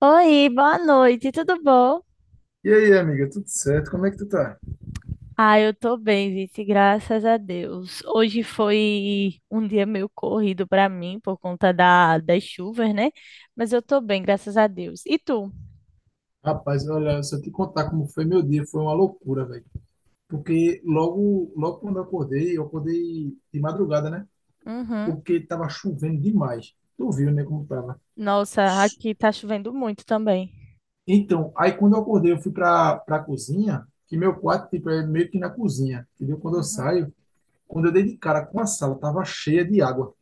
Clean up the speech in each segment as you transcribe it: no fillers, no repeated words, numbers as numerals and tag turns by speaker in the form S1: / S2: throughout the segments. S1: Oi, boa noite, tudo bom?
S2: E aí, amiga, tudo certo? Como é que tu tá?
S1: Ah, eu tô bem, Vice, graças a Deus. Hoje foi um dia meio corrido pra mim por conta das chuvas, né? Mas eu tô bem, graças a Deus. E tu?
S2: Rapaz, olha, se eu te contar como foi meu dia, foi uma loucura, velho. Porque logo, logo quando eu acordei de madrugada, né?
S1: Uhum.
S2: Porque tava chovendo demais. Tu viu, né, como tava.
S1: Nossa, aqui tá chovendo muito também.
S2: Então, aí quando eu acordei, eu fui pra cozinha, que meu quarto, tipo, é meio que na cozinha, entendeu?
S1: Uhum.
S2: Quando eu dei de cara com a sala, tava cheia de água.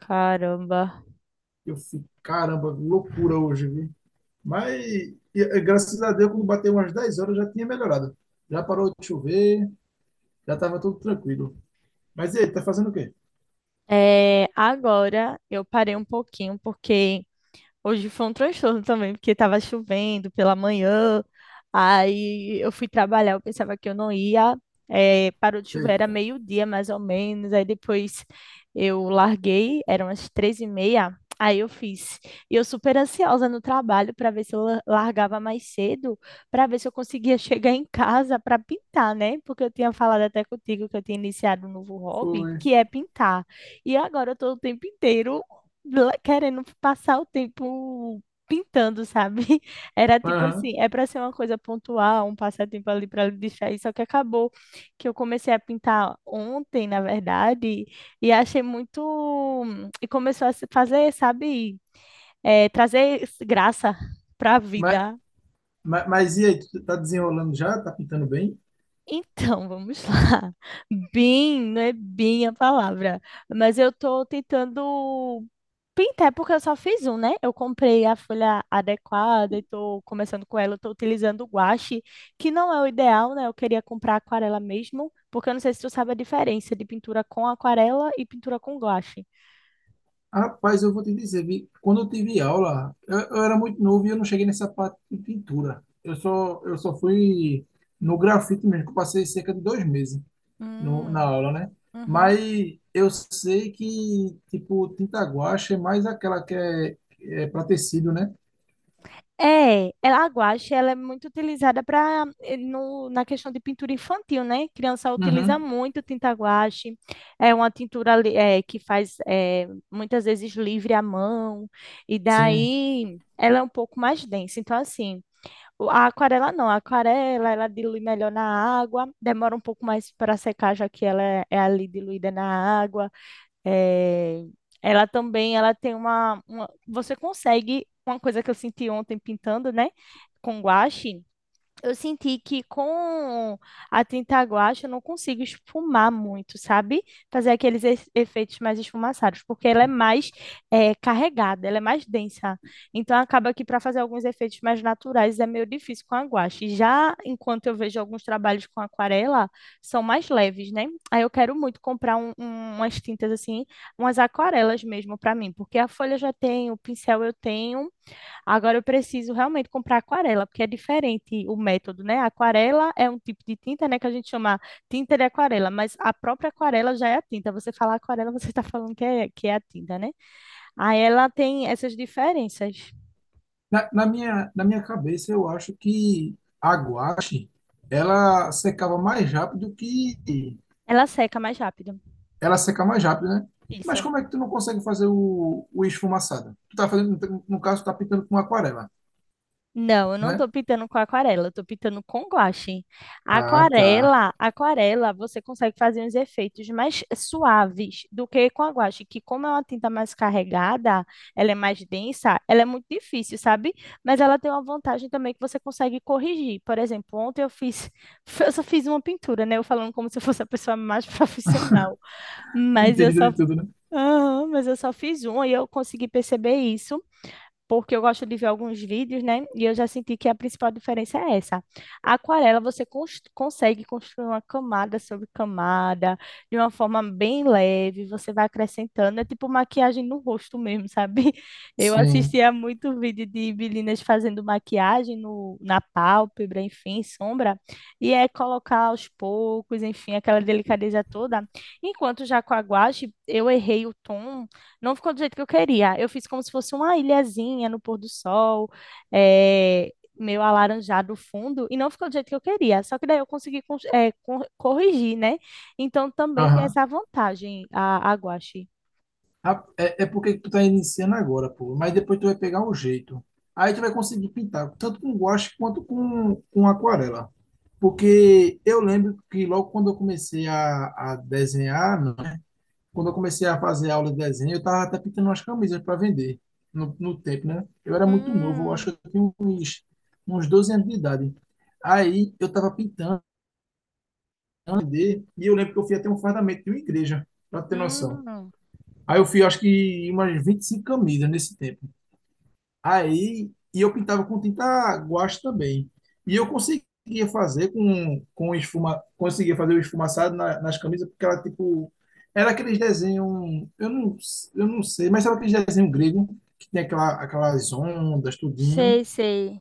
S1: Caramba.
S2: Eu fui, caramba, loucura hoje, viu? Mas, e graças a Deus, quando bateu umas 10 horas, já tinha melhorado. Já parou de chover. Já tava tudo tranquilo. Mas e aí, tá fazendo o quê?
S1: É, agora eu parei um pouquinho porque hoje foi um transtorno também, porque estava chovendo pela manhã, aí eu fui trabalhar, eu pensava que eu não ia, parou de chover, era
S2: Eita,
S1: meio-dia mais ou menos, aí depois eu larguei, eram as três e meia, aí eu fiz. E eu super ansiosa no trabalho para ver se eu largava mais cedo, para ver se eu conseguia chegar em casa para pintar, né? Porque eu tinha falado até contigo que eu tinha iniciado um novo hobby,
S2: foi.
S1: que é pintar. E agora eu estou o tempo inteiro querendo passar o tempo pintando, sabe? Era tipo
S2: Aham.
S1: assim, é para ser uma coisa pontual, um passatempo ali para distrair, só que acabou que eu comecei a pintar ontem, na verdade, e achei muito e começou a se fazer, sabe, trazer graça para a
S2: Mas,
S1: vida.
S2: mas e aí, tu tá desenrolando já? Tá pintando bem?
S1: Então, vamos lá. Bem, não é bem a palavra, mas eu tô tentando pintar porque eu só fiz um, né? Eu comprei a folha adequada e tô começando com ela, eu tô utilizando o guache, que não é o ideal, né? Eu queria comprar aquarela mesmo, porque eu não sei se tu sabe a diferença de pintura com aquarela e pintura com guache.
S2: Rapaz, eu vou te dizer, vi, quando eu tive aula, eu era muito novo e eu não cheguei nessa parte de pintura. Eu só fui no grafite mesmo, que eu passei cerca de 2 meses no, na
S1: Hum,
S2: aula, né?
S1: uhum.
S2: Mas eu sei que, tipo, tinta guache é mais aquela que é para tecido, né?
S1: É, ela, a guache, ela é muito utilizada para no na questão de pintura infantil, né? Criança utiliza
S2: Uhum.
S1: muito tinta guache. É uma que faz muitas vezes livre à mão e
S2: Sim.
S1: daí ela é um pouco mais densa. Então assim, a aquarela não, a aquarela ela dilui melhor na água, demora um pouco mais para secar já que ela é, é ali diluída na água. É, ela também, ela tem uma você consegue uma coisa que eu senti ontem pintando, né, com guache. Eu senti que com a tinta guache eu não consigo esfumar muito, sabe? Fazer aqueles efeitos mais esfumaçados, porque ela é mais carregada, ela é mais densa. Então acaba que para fazer alguns efeitos mais naturais é meio difícil com a guache. Já enquanto eu vejo alguns trabalhos com aquarela, são mais leves, né? Aí eu quero muito comprar umas tintas assim, umas aquarelas mesmo para mim, porque a folha eu já tenho, o pincel eu tenho. Agora eu preciso realmente comprar aquarela, porque é diferente o método, né? A aquarela é um tipo de tinta, né, que a gente chama tinta de aquarela, mas a própria aquarela já é a tinta. Você fala aquarela, você está falando que é a tinta, né? Aí ela tem essas diferenças.
S2: Na minha cabeça, eu acho que a guache, ela secava mais rápido que.
S1: Ela seca mais rápido.
S2: Ela seca mais rápido, né? Mas
S1: Isso.
S2: como é que tu não consegue fazer o esfumaçado? Tu tá fazendo, no caso, tu tá pintando com aquarela,
S1: Não, eu não tô
S2: né?
S1: pintando com aquarela, eu tô pintando com guache.
S2: Ah, tá.
S1: Aquarela, aquarela, você consegue fazer uns efeitos mais suaves do que com a guache, que como é uma tinta mais carregada, ela é mais densa, ela é muito difícil, sabe? Mas ela tem uma vantagem também que você consegue corrigir. Por exemplo, ontem eu fiz, eu só fiz uma pintura, né? Eu falando como se eu fosse a pessoa mais profissional, mas eu
S2: Entendido
S1: só...
S2: de tudo, né?
S1: Aham, mas eu só fiz uma e eu consegui perceber isso porque eu gosto de ver alguns vídeos, né? E eu já senti que a principal diferença é essa. A aquarela você consegue construir uma camada sobre camada, de uma forma bem leve, você vai acrescentando, é tipo maquiagem no rosto mesmo, sabe? Eu
S2: Sim.
S1: assistia muito vídeo de meninas fazendo maquiagem no, na pálpebra, enfim, sombra, e é colocar aos poucos, enfim, aquela delicadeza toda. Enquanto já com a guache, eu errei o tom, não ficou do jeito que eu queria. Eu fiz como se fosse uma ilhazinha no pôr do sol, é, meio alaranjado o fundo, e não ficou do jeito que eu queria. Só que daí eu consegui corrigir, né? Então também tem
S2: Aham.
S1: essa vantagem a guache.
S2: Ah, é porque tu tá iniciando agora, pô. Mas depois tu vai pegar o jeito. Aí tu vai conseguir pintar tanto com guache quanto com aquarela. Porque eu lembro que logo quando eu comecei a desenhar, né? Quando eu comecei a fazer aula de desenho, eu estava até pintando umas camisas para vender no tempo, né? Eu era muito novo, eu acho
S1: Hum,
S2: que eu tinha uns 12 anos de idade. Aí eu estava pintando pra vender, e eu lembro que eu fui até um fardamento de uma igreja, para ter noção.
S1: hum,
S2: Aí eu fui, acho que, umas 25 camisas nesse tempo. Aí, e eu pintava com tinta guache também. E eu conseguia fazer o esfumaçado nas camisas, porque ela, tipo, era aqueles desenhos, eu não sei, mas era aqueles desenhos grego, que tem aquelas ondas, tudinho.
S1: sei, sei.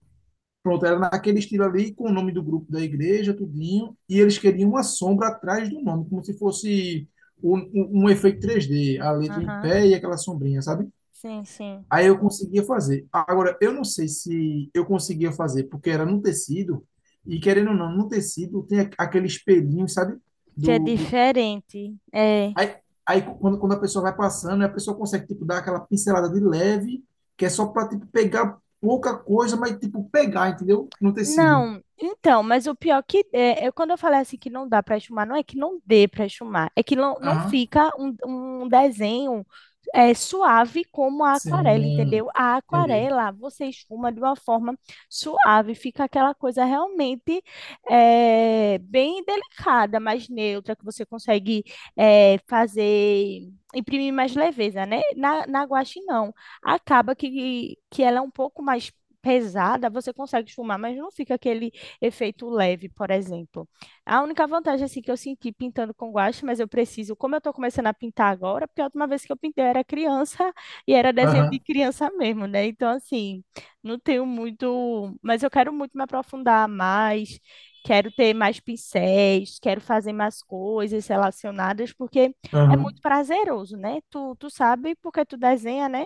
S2: Pronto, era naquele estilo ali, com o nome do grupo da igreja, tudinho. E eles queriam uma sombra atrás do nome, como se fosse um efeito 3D a letra em pé
S1: Aham.
S2: e aquela sombrinha, sabe?
S1: Sim, sim.
S2: Aí eu conseguia fazer. Agora, eu não sei se eu conseguia fazer, porque era no tecido, e querendo ou não, no tecido tem aquele espelhinho, sabe?
S1: Que é
S2: Do, do...
S1: diferente. É.
S2: Aí, aí quando a pessoa vai passando, a pessoa consegue, tipo, dar aquela pincelada de leve, que é só para, tipo, pegar pouca coisa, mas, tipo, pegar, entendeu? No tecido.
S1: Não, então, mas o pior que é, quando eu falei assim que não dá para esfumar, não é que não dê para esfumar, é que não
S2: Aham.
S1: fica um, um desenho suave como a aquarela,
S2: Sim,
S1: entendeu? A
S2: entendi.
S1: aquarela você esfuma de uma forma suave, fica aquela coisa realmente bem delicada, mais neutra, que você consegue fazer, imprimir mais leveza, né? Na guache não, acaba que ela é um pouco mais pesada, você consegue fumar mas não fica aquele efeito leve, por exemplo. A única vantagem assim que eu senti pintando com guache, mas eu preciso, como eu estou começando a pintar agora, porque a última vez que eu pintei eu era criança e era desenho de
S2: Aham,
S1: criança mesmo, né? Então assim, não tenho muito, mas eu quero muito me aprofundar mais, quero ter mais pincéis, quero fazer mais coisas relacionadas, porque é
S2: aham.
S1: muito prazeroso, né? Tu sabe porque tu desenha, né?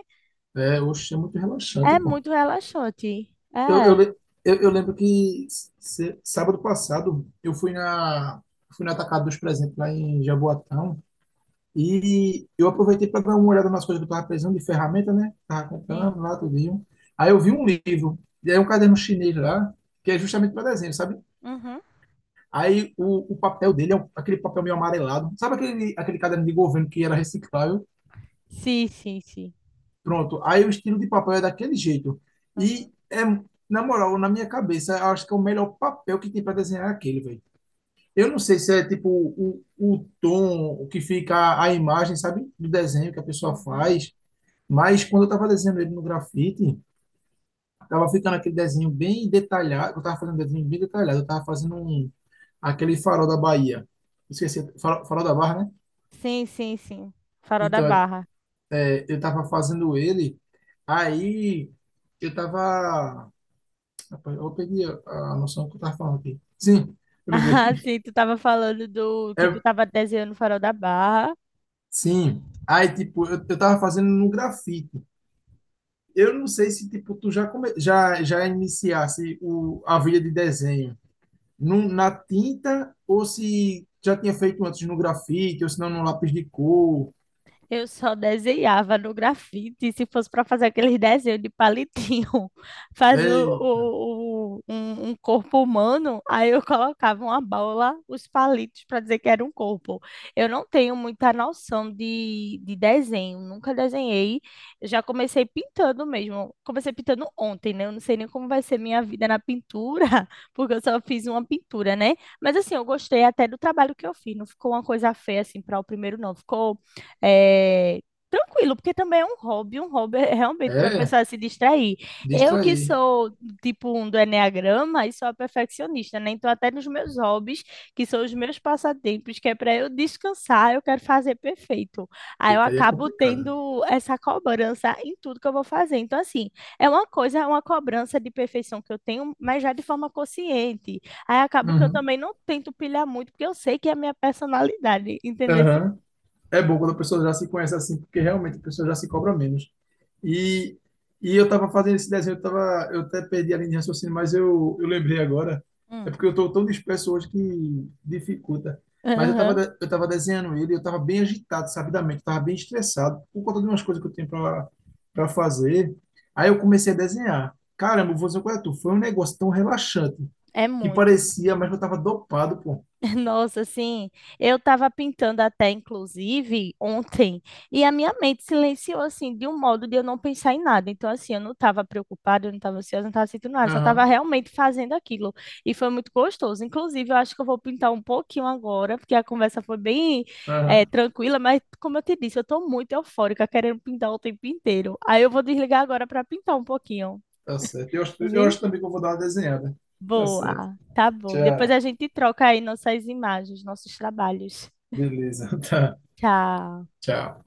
S2: É, oxe, é muito relaxante,
S1: É
S2: pô.
S1: muito relaxante.
S2: Eu,
S1: É.
S2: eu, le- eu lembro que sábado passado eu fui fui na Atacado dos Presentes lá em Jaboatão e eu aproveitei para dar uma olhada nas coisas que eu estava precisando de ferramenta, né? Estava
S1: Sim.
S2: comprando lá tudinho. Aí eu vi um livro, e aí um caderno chinês lá, que é justamente para desenho, sabe?
S1: Uhum.
S2: Aí o papel dele é aquele papel meio amarelado. Sabe aquele caderno de governo que era reciclável?
S1: Sim, sim, sim.
S2: Pronto, aí o estilo de papel é daquele jeito.
S1: Uhum,
S2: E é, na moral, na minha cabeça, eu acho que é o melhor papel que tem para desenhar é aquele, velho. Eu não sei se é tipo o tom o que fica a imagem, sabe, do desenho que a pessoa
S1: uhum.
S2: faz, mas quando eu tava desenhando ele no grafite, tava ficando aquele desenho bem detalhado, eu tava fazendo um desenho bem detalhado, eu tava fazendo um, aquele farol da Bahia. Esqueci, farol da Barra, né?
S1: Sim, sim, sim. Farol da
S2: Então,
S1: Barra.
S2: é, eu tava fazendo ele, aí eu tava Rapaz, eu peguei a noção que eu tava falando aqui. Sim, eu lembrei.
S1: Ah, sim, tu tava falando do que tu
S2: É,
S1: tava desenhando o Farol da Barra.
S2: sim. Aí, tipo, eu tava fazendo no grafite. Eu não sei se, tipo, tu já iniciasse a vida de desenho na tinta ou se já tinha feito antes no grafite ou se não no lápis de cor.
S1: Eu só desenhava no grafite, se fosse para fazer aqueles desenhos de palitinho,
S2: É,
S1: fazia um corpo humano, aí eu colocava uma bola, os palitos, para dizer que era um corpo. Eu não tenho muita noção de desenho, nunca desenhei. Eu já comecei pintando mesmo. Comecei pintando ontem, né? Eu não sei nem como vai ser minha vida na pintura, porque eu só fiz uma pintura, né? Mas assim, eu gostei até do trabalho que eu fiz, não ficou uma coisa feia assim para o primeiro, não. Ficou é, tranquilo, porque também é um hobby é realmente para a
S2: é,
S1: pessoa se distrair. Eu que
S2: distrair.
S1: sou tipo um do enneagrama e sou a perfeccionista, né? Então até nos meus hobbies, que são os meus passatempos, que é para eu descansar, eu quero fazer perfeito. Aí eu
S2: Eita, aí é
S1: acabo
S2: complicado.
S1: tendo essa cobrança em tudo que eu vou fazer. Então assim, é uma coisa, é uma cobrança de perfeição que eu tenho, mas já de forma consciente. Aí acabo que eu
S2: Uhum.
S1: também não tento pilhar muito, porque eu sei que é a minha personalidade, entendeu?
S2: Aham. É bom quando a pessoa já se conhece assim, porque realmente a pessoa já se cobra menos. E, e eu estava fazendo esse desenho, eu até perdi a linha de raciocínio, mas eu lembrei agora. É
S1: Hum.
S2: porque eu estou tão disperso hoje que dificulta. Mas eu
S1: Aham.
S2: estava eu tava desenhando ele, e eu estava bem agitado, sabidamente, estava bem estressado por conta de umas coisas que eu tenho para fazer. Aí eu comecei a desenhar. Caramba, vou dizer qual é tu. Foi um negócio tão relaxante
S1: É
S2: que
S1: muito.
S2: parecia, mas eu estava dopado, pô.
S1: Nossa, assim, eu estava pintando até, inclusive, ontem, e a minha mente silenciou, assim, de um modo de eu não pensar em nada. Então, assim, eu não estava preocupada, eu não estava ansiosa, eu não estava sentindo nada, eu só estava
S2: Aham,
S1: realmente fazendo aquilo. E foi muito gostoso. Inclusive, eu acho que eu vou pintar um pouquinho agora, porque a conversa foi bem,
S2: aham.
S1: tranquila, mas, como eu te disse, eu estou muito eufórica, querendo pintar o tempo inteiro. Aí eu vou desligar agora para pintar um pouquinho.
S2: Tá certo. Eu acho, eu
S1: Vi?
S2: acho também que eu vou dar uma desenhada. Tá certo.
S1: Boa, tá bom. Depois
S2: Tchau.
S1: a gente troca aí nossas imagens, nossos trabalhos.
S2: Beleza. Tá.
S1: Tchau.
S2: Tchau.